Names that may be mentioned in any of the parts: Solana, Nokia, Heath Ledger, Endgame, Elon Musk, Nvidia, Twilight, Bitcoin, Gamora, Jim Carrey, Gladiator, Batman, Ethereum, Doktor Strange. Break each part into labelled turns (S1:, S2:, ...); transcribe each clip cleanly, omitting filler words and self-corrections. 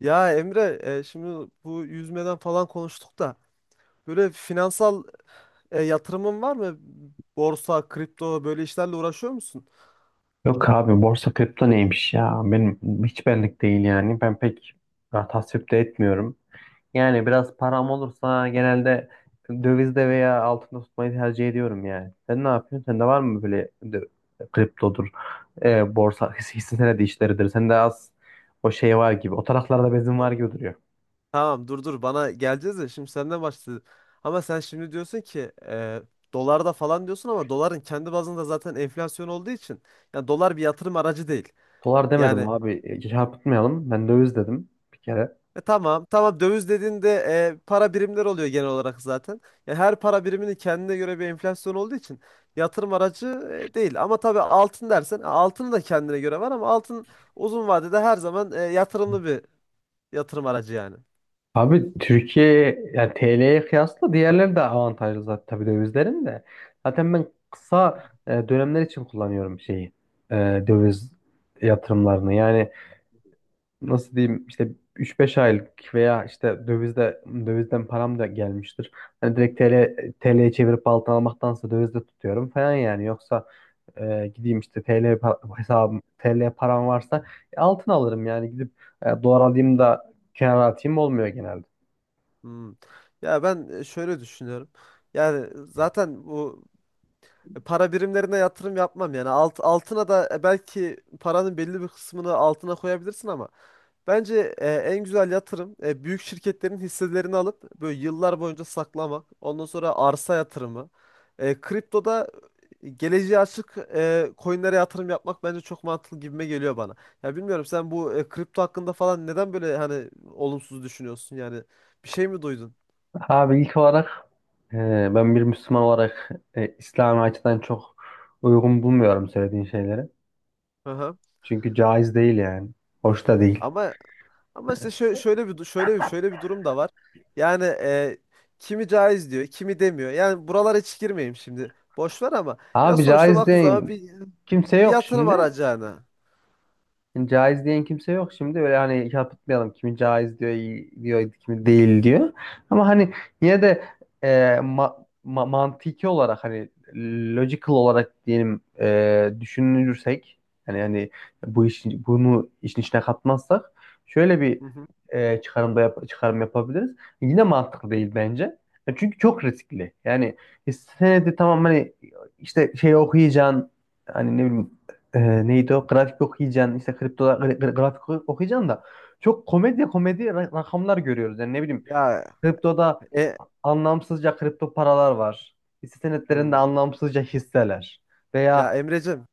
S1: Ya Emre, şimdi bu yüzmeden falan konuştuk da böyle finansal yatırımın var mı? Borsa, kripto böyle işlerle uğraşıyor musun?
S2: Yok abi, borsa kripto neymiş ya? Benim hiç benlik değil yani. Ben pek tasvip de etmiyorum. Yani biraz param olursa genelde dövizde veya altında tutmayı tercih ediyorum yani. Sen ne yapıyorsun? Sende var mı böyle kriptodur, borsa, hisse senedi işleridir. Sende az o şey var gibi. O taraflarda bezin var
S1: Dur.
S2: gibi duruyor.
S1: Tamam, dur dur, bana geleceğiz de şimdi senden başladı. Ama sen şimdi diyorsun ki dolarda falan diyorsun, ama doların kendi bazında zaten enflasyon olduğu için yani dolar bir yatırım aracı değil.
S2: Dolar demedim
S1: Yani.
S2: abi. Çarpıtmayalım. Ben döviz dedim bir kere.
S1: Tamam. Tamam, döviz dediğinde para birimler oluyor genel olarak zaten. Ya her para biriminin kendine göre bir enflasyon olduğu için yatırım aracı değil. Ama tabii altın dersen altın da kendine göre var, ama altın uzun vadede her zaman yatırımlı bir yatırım aracı yani.
S2: Abi, Türkiye yani TL'ye kıyasla diğerleri de avantajlı zaten tabii, dövizlerin de. Zaten ben kısa dönemler için kullanıyorum şeyi. e, Döviz yatırımlarını. Yani nasıl diyeyim, işte 3-5 aylık veya işte dövizde, dövizden param da gelmiştir. Hani direkt TL'ye çevirip altın almaktansa dövizde tutuyorum falan yani. Yoksa gideyim işte hesabım TL param varsa altın alırım yani, gidip dolar alayım da kenara atayım olmuyor genelde.
S1: Hmm. Ya ben şöyle düşünüyorum. Yani zaten bu para birimlerine yatırım yapmam yani. Altına da belki paranın belli bir kısmını altına koyabilirsin, ama bence en güzel yatırım büyük şirketlerin hisselerini alıp böyle yıllar boyunca saklamak. Ondan sonra arsa yatırımı. Kriptoda geleceğe açık coinlere yatırım yapmak bence çok mantıklı, gibime geliyor bana. Ya bilmiyorum, sen bu kripto hakkında falan neden böyle hani olumsuz düşünüyorsun? Yani bir şey mi duydun?
S2: Abi, ilk olarak e, ben bir Müslüman olarak İslami açıdan çok uygun bulmuyorum söylediğin şeyleri.
S1: Hı hı.
S2: Çünkü caiz değil yani. Hoş da değil.
S1: Ama Ama işte şöyle bir durum da var. Yani, kimi caiz diyor, kimi demiyor. Yani buralara hiç girmeyeyim şimdi. Boş ver, ama ya
S2: Abi,
S1: sonuçta
S2: caiz
S1: baktığın zaman
S2: değil.
S1: bir
S2: Kimse
S1: bir
S2: yok
S1: yatırım
S2: şimdi.
S1: aracı yani.
S2: Yani caiz diyen kimse yok şimdi. Öyle hani yapmayalım, kimi caiz diyor, iyi diyor, kimi değil diyor. Ama hani yine de e, ma- mantiki olarak, hani logical olarak diyelim, düşünürsek, hani bu işin bunu işin içine katmazsak şöyle bir
S1: Hı hı.
S2: çıkarım yapabiliriz. Yine mantıklı değil bence. Çünkü çok riskli. Yani senedi tamam, hani işte şey okuyacaksın, hani ne bileyim, neydi o, grafik okuyacaksın, işte kripto grafik okuyacaksın da çok komedi komedi rakamlar görüyoruz. Yani ne bileyim,
S1: Ya,
S2: kriptoda
S1: e,
S2: anlamsızca kripto paralar var. Hisse senetlerinde
S1: hmm.
S2: anlamsızca hisseler veya
S1: Ya Emreciğim,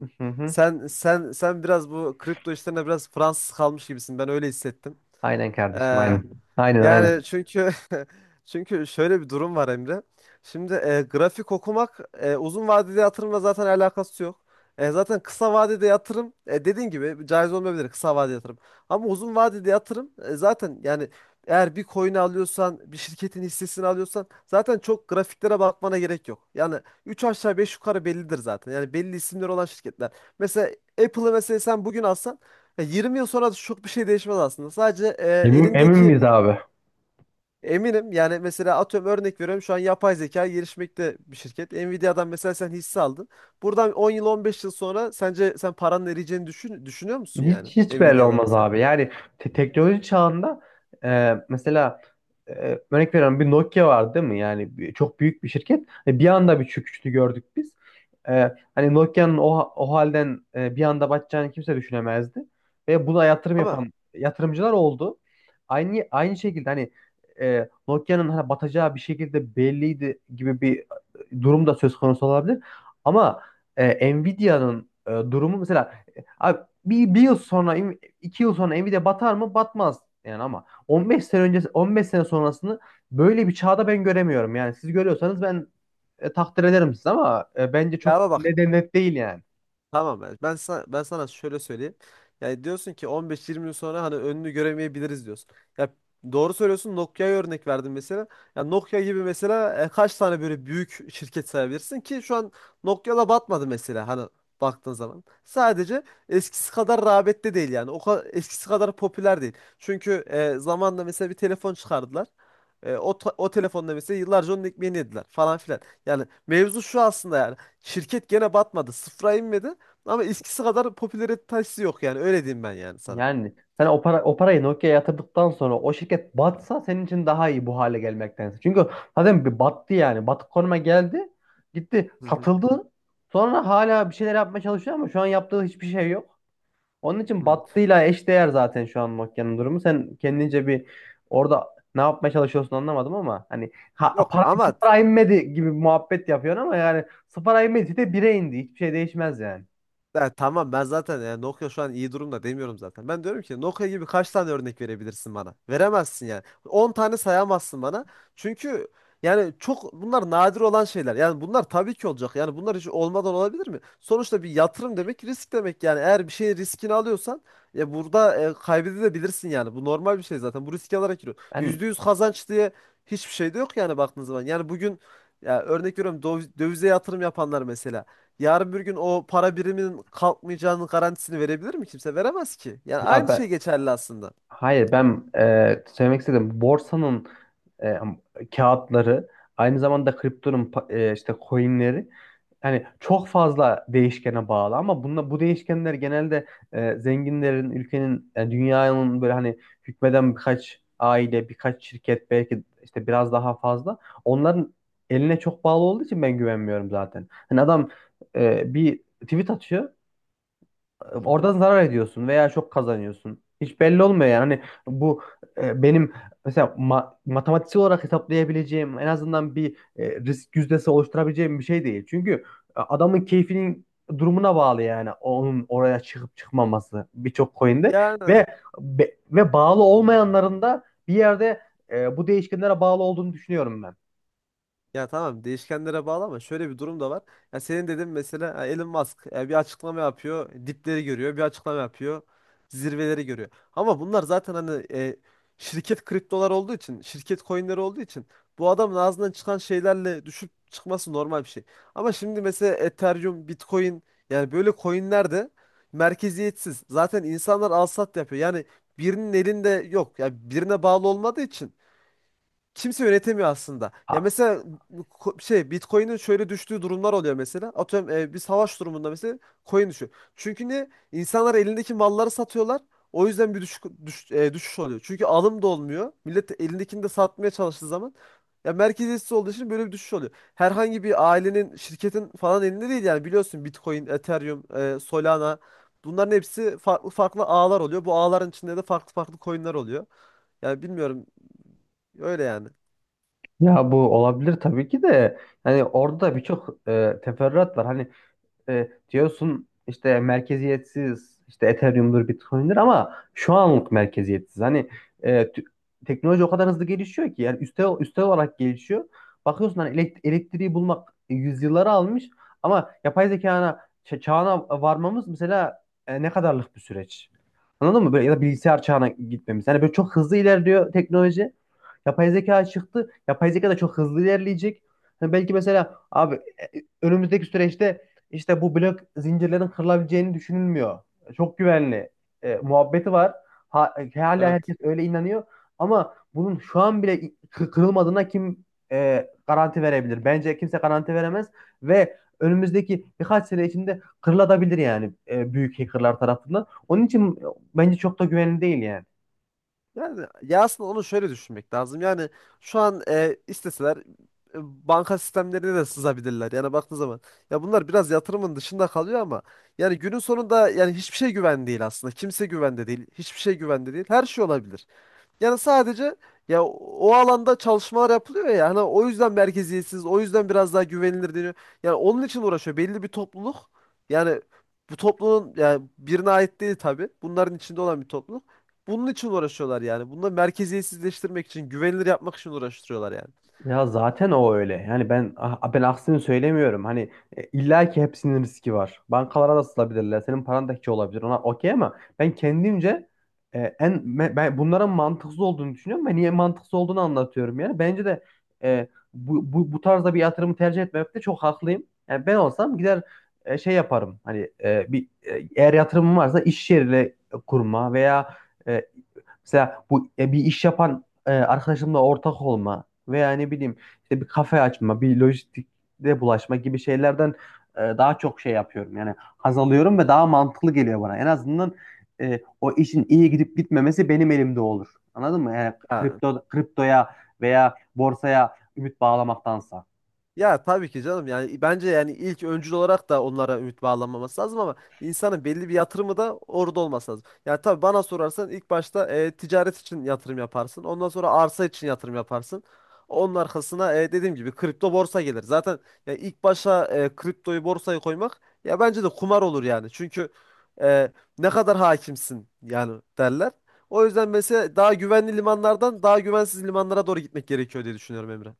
S2: hı hı,
S1: sen biraz bu kripto işlerine biraz Fransız kalmış gibisin. Ben öyle hissettim.
S2: aynen kardeşim, aynen. Aynen, aynen.
S1: Yani çünkü şöyle bir durum var, Emre. Şimdi grafik okumak uzun vadeli yatırımla zaten alakası yok. Zaten kısa vadede yatırım, dediğin gibi, caiz olmayabilir kısa vadeli yatırım. Ama uzun vadede yatırım zaten yani eğer bir coin alıyorsan, bir şirketin hissesini alıyorsan zaten çok grafiklere bakmana gerek yok. Yani 3 aşağı 5 yukarı bellidir zaten. Yani belli isimleri olan şirketler. Mesela Apple'ı, mesela sen bugün alsan, 20 yıl sonra da çok bir şey değişmez aslında. Sadece
S2: Emin, emin
S1: elindeki.
S2: miyiz abi?
S1: Eminim yani, mesela atıyorum, örnek veriyorum, şu an yapay zeka gelişmekte bir şirket. Nvidia'dan mesela sen hisse aldın. Buradan 10 yıl 15 yıl sonra sence sen paranın eriyeceğini düşünüyor musun yani,
S2: Hiç hiç belli
S1: Nvidia'dan
S2: olmaz
S1: mesela?
S2: abi. Yani teknoloji çağında mesela e, örnek veriyorum, bir Nokia vardı değil mi? Yani çok büyük bir şirket. E, bir anda bir çöküşünü gördük biz. E, hani Nokia'nın o, o halden bir anda batacağını kimse düşünemezdi. Ve buna yatırım
S1: Ama
S2: yapan yatırımcılar oldu. Aynı şekilde, hani Nokia'nın hani batacağı bir şekilde belliydi gibi bir durum da söz konusu olabilir. Ama Nvidia'nın durumu mesela, abi, bir yıl sonra, 2 yıl sonra Nvidia batar mı? Batmaz yani, ama 15 sene öncesi 15 sene sonrasını böyle bir çağda ben göremiyorum. Yani siz görüyorsanız ben takdir ederim siz, ama bence çok
S1: ya bak,
S2: neden net değil yani.
S1: tamam, ben sana şöyle söyleyeyim. Yani diyorsun ki 15-20 yıl sonra hani önünü göremeyebiliriz diyorsun. Ya, doğru söylüyorsun. Nokia'ya örnek verdin mesela. Ya Nokia gibi, mesela kaç tane böyle büyük şirket sayabilirsin ki şu an? Nokia da batmadı mesela, hani baktığın zaman. Sadece eskisi kadar rağbette değil yani. O kadar eskisi kadar popüler değil. Çünkü zamanla mesela bir telefon çıkardılar. O telefonda mesela yıllarca onun ekmeğini yediler falan filan. Yani mevzu şu aslında yani. Şirket gene batmadı. Sıfıra inmedi. Ama eskisi kadar popülaritesi yok yani, öyle diyeyim ben yani sana.
S2: Yani sen o para o parayı Nokia'ya yatırdıktan sonra o şirket batsa senin için daha iyi bu hale gelmektense. Çünkü zaten bir battı yani. Batık konuma geldi. Gitti,
S1: Hı hı.
S2: satıldı. Sonra hala bir şeyler yapmaya çalışıyor ama şu an yaptığı hiçbir şey yok. Onun için
S1: Hı.
S2: battıyla eşdeğer zaten şu an Nokia'nın durumu. Sen kendince bir orada ne yapmaya çalışıyorsun anlamadım, ama hani ha,
S1: Yok,
S2: para
S1: ama
S2: sıfıra inmedi gibi bir muhabbet yapıyorsun ama yani sıfıra inmedi de bire indi. Hiçbir şey değişmez yani.
S1: ya tamam, ben zaten yani Nokia şu an iyi durumda demiyorum zaten. Ben diyorum ki Nokia gibi kaç tane örnek verebilirsin bana? Veremezsin yani. 10 tane sayamazsın bana. Çünkü yani çok bunlar nadir olan şeyler. Yani bunlar tabii ki olacak. Yani bunlar hiç olmadan olabilir mi? Sonuçta bir yatırım demek risk demek yani. Eğer bir şeyin riskini alıyorsan, ya burada kaybedebilirsin yani. Bu normal bir şey zaten. Bu riski alarak giriyor.
S2: Ben
S1: %100 kazanç diye hiçbir şey de yok yani, baktığın zaman. Yani bugün, ya örnek veriyorum, dövize yatırım yapanlar mesela. Yarın bir gün o para biriminin kalkmayacağının garantisini verebilir mi kimse? Veremez ki. Yani
S2: ya
S1: aynı şey
S2: ben
S1: geçerli aslında.
S2: hayır, ben söylemek istedim, borsanın e, kağıtları, aynı zamanda kriptonun işte coinleri, yani çok fazla değişkene bağlı, ama bu değişkenler genelde zenginlerin, ülkenin, yani dünyanın böyle hani hükmeden birkaç aile, birkaç şirket, belki işte biraz daha fazla onların eline çok bağlı olduğu için ben güvenmiyorum zaten. Hani adam bir tweet atıyor.
S1: Hı hı.
S2: Oradan zarar ediyorsun veya çok kazanıyorsun. Hiç belli olmuyor yani. Hani bu benim mesela matematiksel olarak hesaplayabileceğim, en azından bir risk yüzdesi oluşturabileceğim bir şey değil. Çünkü adamın keyfinin durumuna bağlı, yani onun oraya çıkıp çıkmaması birçok coin'de,
S1: Yani,
S2: ve ve bağlı olmayanların da bir yerde bu değişkenlere bağlı olduğunu düşünüyorum ben.
S1: ya tamam, değişkenlere bağlı, ama şöyle bir durum da var. Ya senin dedin mesela, ha, Elon Musk, bir açıklama yapıyor, dipleri görüyor, bir açıklama yapıyor, zirveleri görüyor. Ama bunlar zaten hani, şirket kriptolar olduğu için, şirket coinleri olduğu için, bu adamın ağzından çıkan şeylerle düşüp çıkması normal bir şey. Ama şimdi mesela Ethereum, Bitcoin, yani böyle coinler de merkeziyetsiz. Zaten insanlar al sat yapıyor. Yani birinin elinde yok. Ya birine bağlı olmadığı için kimse yönetemiyor aslında. Ya
S2: Ha,
S1: mesela bu Bitcoin'in şöyle düştüğü durumlar oluyor mesela. Atıyorum, bir savaş durumunda mesela coin düşüyor. Çünkü ne? İnsanlar elindeki malları satıyorlar. O yüzden bir düşüş oluyor. Çünkü alım da olmuyor. Millet elindekini de satmaya çalıştığı zaman, ya merkeziyetsiz olduğu için böyle bir düşüş oluyor. Herhangi bir ailenin, şirketin falan elinde değil yani, biliyorsun Bitcoin, Ethereum, Solana, bunların hepsi farklı farklı ağlar oluyor. Bu ağların içinde de farklı farklı coin'ler oluyor. Yani bilmiyorum, öyle yani.
S2: ya bu olabilir tabii ki de, hani orada da birçok teferruat var. Hani diyorsun işte merkeziyetsiz, işte Ethereum'dur, Bitcoin'dir, ama şu anlık merkeziyetsiz. Hani e, tü- teknoloji o kadar hızlı gelişiyor ki, yani üste olarak gelişiyor. Bakıyorsun hani elektriği bulmak yüzyılları almış ama yapay zekana çağına varmamız mesela ne kadarlık bir süreç. Anladın mı? Böyle, ya da bilgisayar çağına gitmemiz. Hani böyle çok hızlı ilerliyor teknoloji. Yapay zeka çıktı. Yapay zeka da çok hızlı ilerleyecek. Hani belki mesela abi önümüzdeki süreçte işte bu blok zincirlerin kırılabileceğini düşünülmüyor. Çok güvenli muhabbeti var. Ha, hala
S1: Evet.
S2: herkes öyle inanıyor. Ama bunun şu an bile kırılmadığına kim garanti verebilir? Bence kimse garanti veremez, ve önümüzdeki birkaç sene içinde kırılabilir yani büyük hackerlar tarafından. Onun için bence çok da güvenli değil yani.
S1: Yani ya, aslında onu şöyle düşünmek lazım. Yani şu an isteseler, banka sistemlerine de sızabilirler. Yani baktığı zaman, ya bunlar biraz yatırımın dışında kalıyor, ama yani günün sonunda yani hiçbir şey güven değil aslında. Kimse güvende değil. Hiçbir şey güvende değil. Her şey olabilir. Yani sadece, ya o alanda çalışmalar yapılıyor ya. Hani o yüzden merkeziyetsiz, o yüzden biraz daha güvenilir deniyor. Yani onun için uğraşıyor, belli bir topluluk. Yani bu toplumun yani birine ait değil tabii. Bunların içinde olan bir topluluk. Bunun için uğraşıyorlar yani. Bunu da merkeziyetsizleştirmek için, güvenilir yapmak için uğraştırıyorlar yani.
S2: Ya zaten o öyle. Yani ben aksini söylemiyorum. Hani illa ki hepsinin riski var. Bankalara da sızabilirler. Senin paran da hiç olabilir. Ona okey, ama ben kendimce ben bunların mantıksız olduğunu düşünüyorum. Ben niye mantıksız olduğunu anlatıyorum yani. Bence de e, bu tarzda bir yatırımı tercih etmemekte çok haklıyım. Yani ben olsam gider şey yaparım. Hani eğer yatırımım varsa iş yeriyle kurma veya e, mesela bu bir iş yapan arkadaşımla ortak olma veya ne bileyim, işte bir kafe açma, bir lojistikte bulaşma gibi şeylerden daha çok şey yapıyorum. Yani haz alıyorum ve daha mantıklı geliyor bana. En azından o işin iyi gidip gitmemesi benim elimde olur. Anladın mı? Yani
S1: Ya
S2: kriptoya veya borsaya ümit bağlamaktansa.
S1: Ya tabii ki canım, yani bence yani ilk öncül olarak da onlara ümit bağlanmaması lazım, ama insanın belli bir yatırımı da orada olması lazım. Yani tabii bana sorarsan, ilk başta ticaret için yatırım yaparsın. Ondan sonra arsa için yatırım yaparsın. Onun arkasına, dediğim gibi, kripto borsa gelir. Zaten ya ilk başa kriptoyu borsayı koymak, ya bence de kumar olur yani. Çünkü e, ne kadar hakimsin yani, derler. O yüzden mesela daha güvenli limanlardan daha güvensiz limanlara doğru gitmek gerekiyor diye düşünüyorum, Emre.